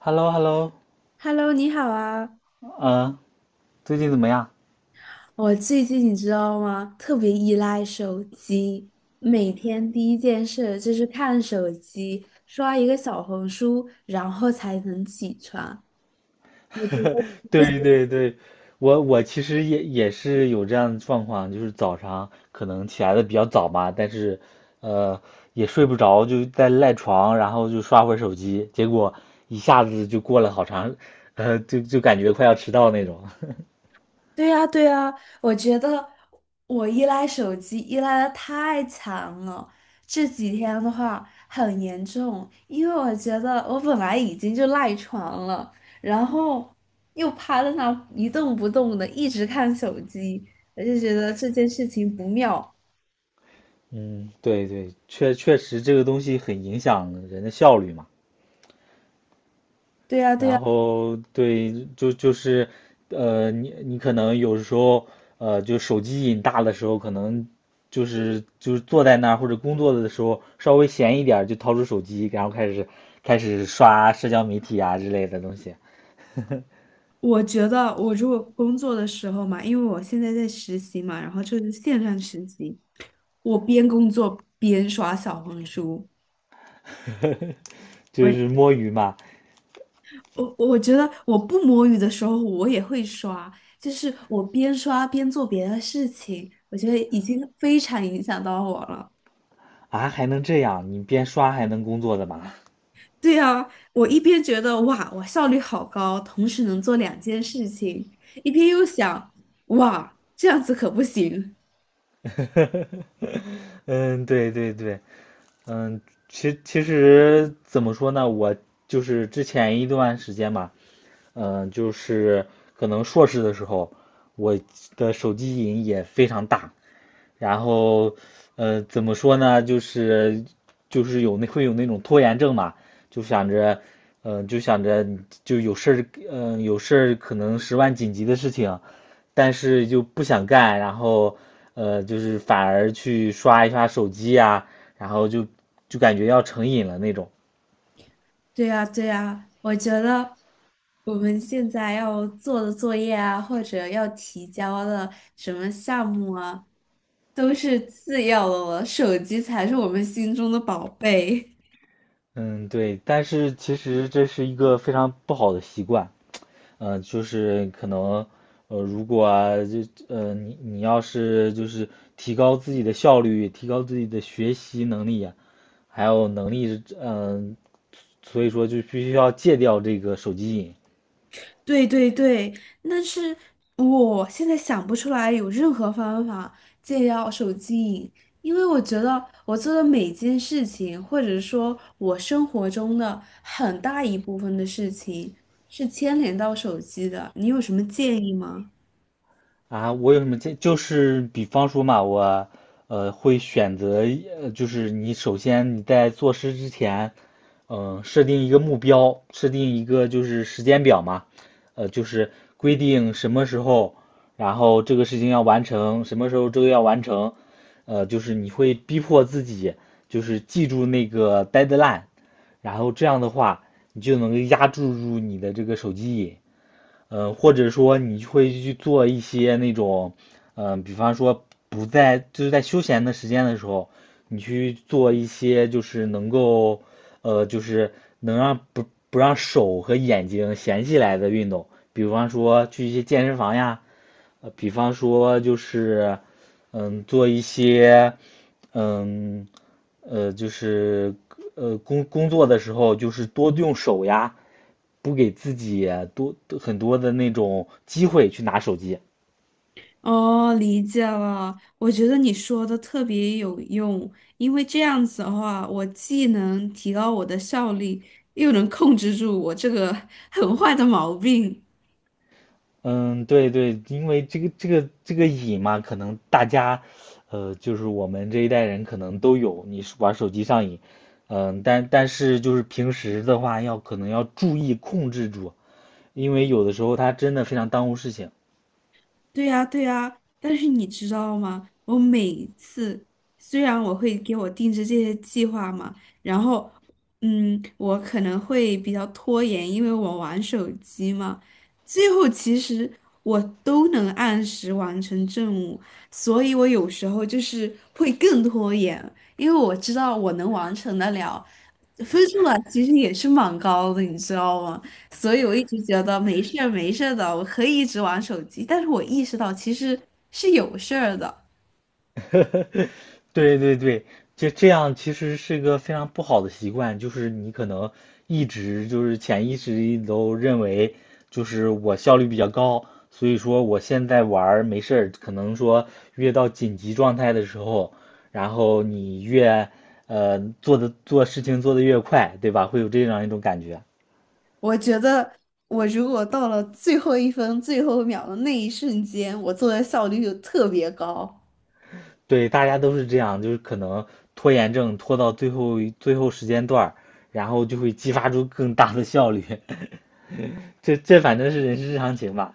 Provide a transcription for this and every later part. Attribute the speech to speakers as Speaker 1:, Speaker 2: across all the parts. Speaker 1: h e l l o h e l l o
Speaker 2: Hello，你好啊！
Speaker 1: 嗯，最近怎么样？
Speaker 2: 我最近你知道吗？特别依赖手机，每天第一件事就是看手机，刷一个小红书，然后才能起床。
Speaker 1: 对对对，我其实也是有这样的状况，就是早上可能起来的比较早嘛，但是呃也睡不着，就在赖床，然后就刷会儿手机，结果一下子就过了好长，就感觉快要迟到那种。
Speaker 2: 对呀，对呀，我觉得我依赖手机依赖的太强了，这几天的话很严重，因为我觉得我本来已经就赖床了，然后又趴在那一动不动的，一直看手机，我就觉得这件事情不妙。
Speaker 1: 嗯，对对，确实这个东西很影响人的效率嘛。
Speaker 2: 对呀，对
Speaker 1: 然
Speaker 2: 呀，
Speaker 1: 后对，就是，你可能有时候，就手机瘾大的时候，可能就是坐在那儿或者工作的时候，稍微闲一点儿就掏出手机，然后开始刷社交媒体啊之类的东西，
Speaker 2: 我觉得我如果工作的时候嘛，因为我现在在实习嘛，然后就是线上实习，我边工作边刷小红书。
Speaker 1: 就是摸鱼嘛。
Speaker 2: 我觉得我不摸鱼的时候，我也会刷，就是我边刷边做别的事情，我觉得已经非常影响到我了。
Speaker 1: 啊，还能这样？你边刷还能工作的嘛？
Speaker 2: 对啊，我一边觉得哇，我效率好高，同时能做两件事情，一边又想哇，这样子可不行。
Speaker 1: 呵呵呵嗯，对对对，嗯，其实怎么说呢，我就是之前一段时间吧，嗯，就是可能硕士的时候，我的手机瘾也非常大，然后，怎么说呢，就是有那会有那种拖延症嘛，就想着，嗯、就想着就有事儿，有事儿可能十万紧急的事情。但是就不想干，然后就是反而去刷一刷手机呀，然后就感觉要成瘾了那种。
Speaker 2: 对呀，对呀，我觉得我们现在要做的作业啊，或者要提交的什么项目啊，都是次要的了，手机才是我们心中的宝贝。
Speaker 1: 嗯，对，但是其实这是一个非常不好的习惯，嗯，就是可能，如果啊你要是就是提高自己的效率，提高自己的学习能力呀还有能力，所以说就必须要戒掉这个手机瘾。
Speaker 2: 对对对，但是我现在想不出来有任何方法戒掉手机瘾，因为我觉得我做的每件事情，或者说我生活中的很大一部分的事情，是牵连到手机的。你有什么建议吗？
Speaker 1: 啊，我有什么建议？就是比方说嘛，我会选择一呃，就是你首先你在做事之前，设定一个目标，设定一个就是时间表嘛，就是规定什么时候，然后这个事情要完成，什么时候这个要完成，就是你会逼迫自己，就是记住那个 deadline，然后这样的话，你就能够压制住你的这个手机瘾。嗯，或者说你会去做一些那种，比方说不在就是在休闲的时间的时候，你去做一些就是能够，就是能让不不让手和眼睛闲起来的运动，比方说去一些健身房呀，比方说就是，做一些，嗯，就是工作的时候就是多用手呀。不给自己很多的那种机会去拿手机。
Speaker 2: 哦，理解了。我觉得你说的特别有用，因为这样子的话，我既能提高我的效率，又能控制住我这个 很坏的毛病。
Speaker 1: 嗯，对对，因为这个瘾嘛，可能大家，就是我们这一代人可能都有，你是玩手机上瘾，嗯，但是就是平时的话可能要注意控制住，因为有的时候它真的非常耽误事情。
Speaker 2: 对呀，对呀，但是你知道吗？我每一次虽然我会给我定制这些计划嘛，然后，我可能会比较拖延，因为我玩手机嘛。最后其实我都能按时完成任务，所以我有时候就是会更拖延，因为我知道我能完成得了，分数啊其实也是蛮高的，你知道吗？所以我一直觉得没事儿没事儿的，我可以一直玩手机。但是我意识到其实是有事儿的。
Speaker 1: 对对对，就这样，其实是个非常不好的习惯，就是你可能一直就是潜意识里都认为，就是我效率比较高，所以说我现在玩儿没事儿，可能说越到紧急状态的时候，然后你越做事情做的越快，对吧？会有这样一种感觉。
Speaker 2: 我觉得我如果到了最后一分最后一秒的那一瞬间，我做的效率就特别高。
Speaker 1: 对，大家都是这样，就是可能拖延症拖到最后时间段儿然后就会激发出更大的效率。这反正是人之常情吧。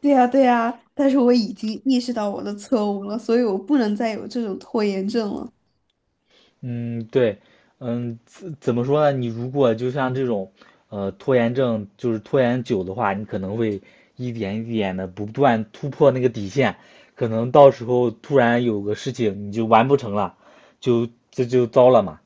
Speaker 2: 对呀，对呀，但是我已经意识到我的错误了，所以我不能再有这种拖延症了。
Speaker 1: 嗯，对，嗯，怎么说呢？你如果就像这种，拖延症，就是拖延久的话，你可能会一点一点的不断突破那个底线，可能到时候突然有个事情你就完不成了，就这就糟了嘛。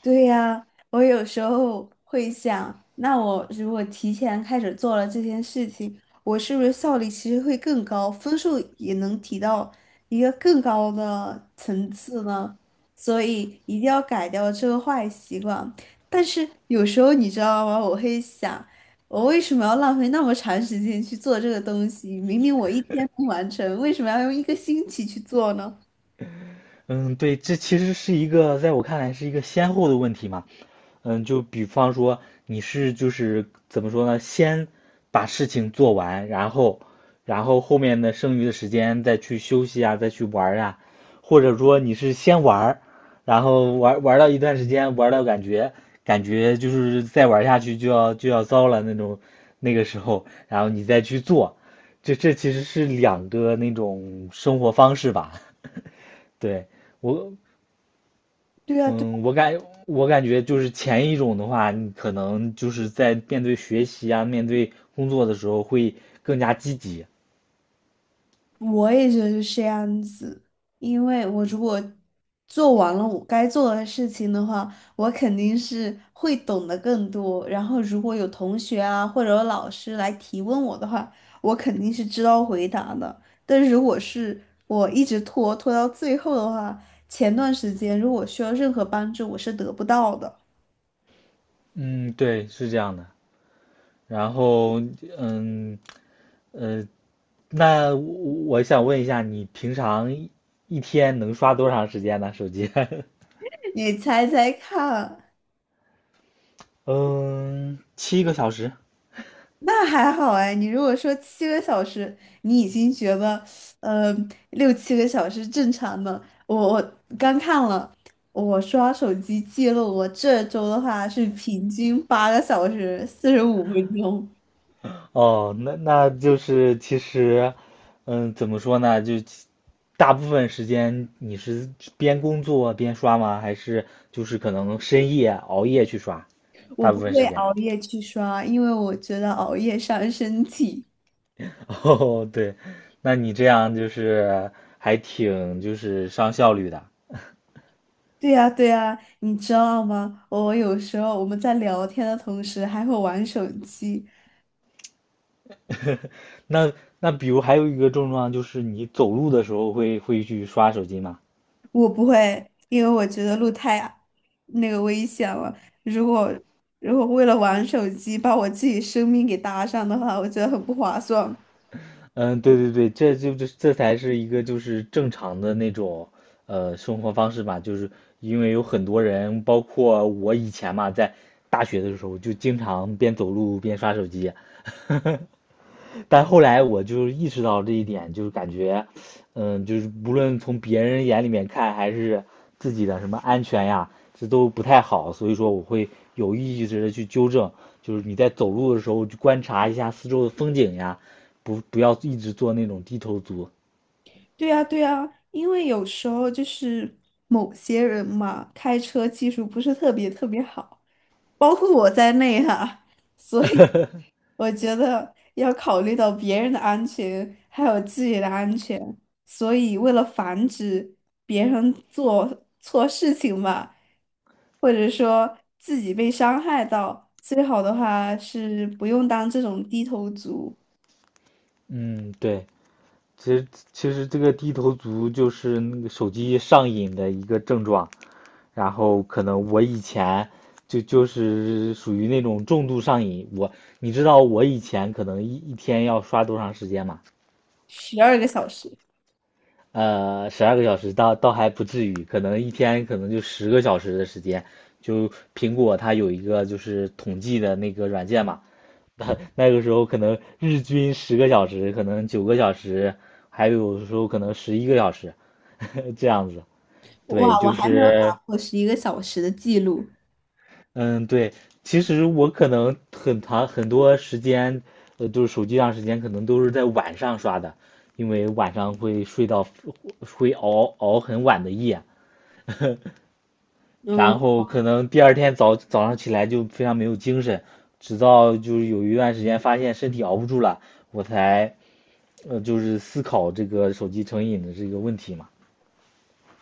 Speaker 2: 对呀，我有时候会想，那我如果提前开始做了这件事情，我是不是效率其实会更高，分数也能提到一个更高的层次呢？所以一定要改掉这个坏习惯。但是有时候你知道吗？我会想，我为什么要浪费那么长时间去做这个东西？明明我一天能完成，为什么要用一个星期去做呢？
Speaker 1: 嗯，对，这其实是一个在我看来是一个先后的问题嘛。嗯，就比方说你是就是怎么说呢？先把事情做完，然后，后面的剩余的时间再去休息啊，再去玩儿啊，或者说你是先玩儿，然后玩到一段时间，玩到感觉就是再玩下去就要糟了那种那个时候，然后你再去做，这其实是两个那种生活方式吧？对，我
Speaker 2: 对啊，
Speaker 1: 嗯，我感我感觉就是前一种的话，你可能就是在面对学习啊，面对工作的时候会更加积极。
Speaker 2: 我也觉得是这样子，因为我如果做完了我该做的事情的话，我肯定是会懂得更多。然后如果有同学啊或者有老师来提问我的话，我肯定是知道回答的。但是如果是我一直拖到最后的话，前段时间如果需要任何帮助，我是得不到的。
Speaker 1: 嗯，对，是这样的。然后，嗯，呃，那我想问一下，你平常一天能刷多长时间呢？手机？
Speaker 2: 你猜猜看？
Speaker 1: 嗯，7个小时。
Speaker 2: 那还好哎，你如果说七个小时，你已经觉得，呃，六七个小时正常的。我刚看了，我刷手机记录，我这周的话是平均8个小时45分钟。
Speaker 1: 哦，那就是其实，嗯，怎么说呢？大部分时间你是边工作边刷吗？还是就是可能深夜熬夜去刷？
Speaker 2: 我
Speaker 1: 大
Speaker 2: 不
Speaker 1: 部分
Speaker 2: 会
Speaker 1: 时间。
Speaker 2: 熬夜去刷，因为我觉得熬夜伤身体。
Speaker 1: 哦，对，那你这样就是还挺就是上效率的。
Speaker 2: 对呀，对呀，你知道吗？我有时候我们在聊天的同时还会玩手机，
Speaker 1: 那那比如还有一个症状就是你走路的时候会去刷手机吗？
Speaker 2: 我不会，因为我觉得路太危险了。如果如果为了玩手机把我自己生命给搭上的话，我觉得很不划算。
Speaker 1: 嗯，对对对，这就这这才是一个就是正常的那种生活方式吧，就是因为有很多人，包括我以前嘛，在大学的时候就经常边走路边刷手机，但后来我就意识到这一点，就是感觉，嗯，就是无论从别人眼里面看，还是自己的什么安全呀，这都不太好。所以说，我会有意识的去纠正，就是你在走路的时候去观察一下四周的风景呀，不要一直做那种低头族。
Speaker 2: 对呀，对呀，因为有时候就是某些人嘛，开车技术不是特别特别好。包括我在内哈，所以我觉得要考虑到别人的安全，还有自己的安全，所以为了防止别人做错事情吧，或者说自己被伤害到，最好的话是不用当这种低头族，
Speaker 1: 嗯，对。其实其实这个低头族就是那个手机上瘾的一个症状，然后可能我以前就是属于那种重度上瘾，你知道我以前可能一天要刷多长时间吗？
Speaker 2: 12个小时，
Speaker 1: 12个小时倒还不至于，可能一天可能就十个小时的时间，就苹果它有一个就是统计的那个软件嘛，那个时候可能日均十个小时，可能9个小时，还有的时候可能11个小时，这样子。对，
Speaker 2: 哇，我
Speaker 1: 就
Speaker 2: 还没有打
Speaker 1: 是，
Speaker 2: 破11个小时的记录。
Speaker 1: 嗯，对。其实我可能很多时间，就是手机上时间可能都是在晚上刷的，因为晚上会睡到会熬很晚的夜，
Speaker 2: 嗯。
Speaker 1: 然后可能第二天早上起来就非常没有精神，直到就是有一段时间发现身体熬不住了，我才。就是思考这个手机成瘾的这个问题嘛。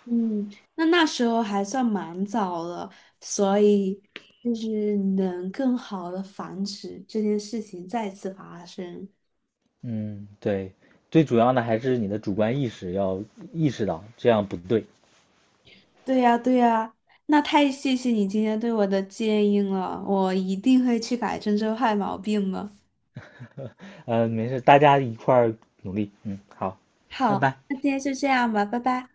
Speaker 2: 嗯，那时候还算蛮早了，所以就是能更好的防止这件事情再次发生。
Speaker 1: 嗯，对，最主要的还是你的主观意识要意识到这样不对。
Speaker 2: 对呀，对呀，那太谢谢你今天对我的建议了，我一定会去改正这坏毛病的。
Speaker 1: 没事，大家一块儿努力。嗯，好，拜
Speaker 2: 好，
Speaker 1: 拜。
Speaker 2: 那今天就这样吧，拜拜。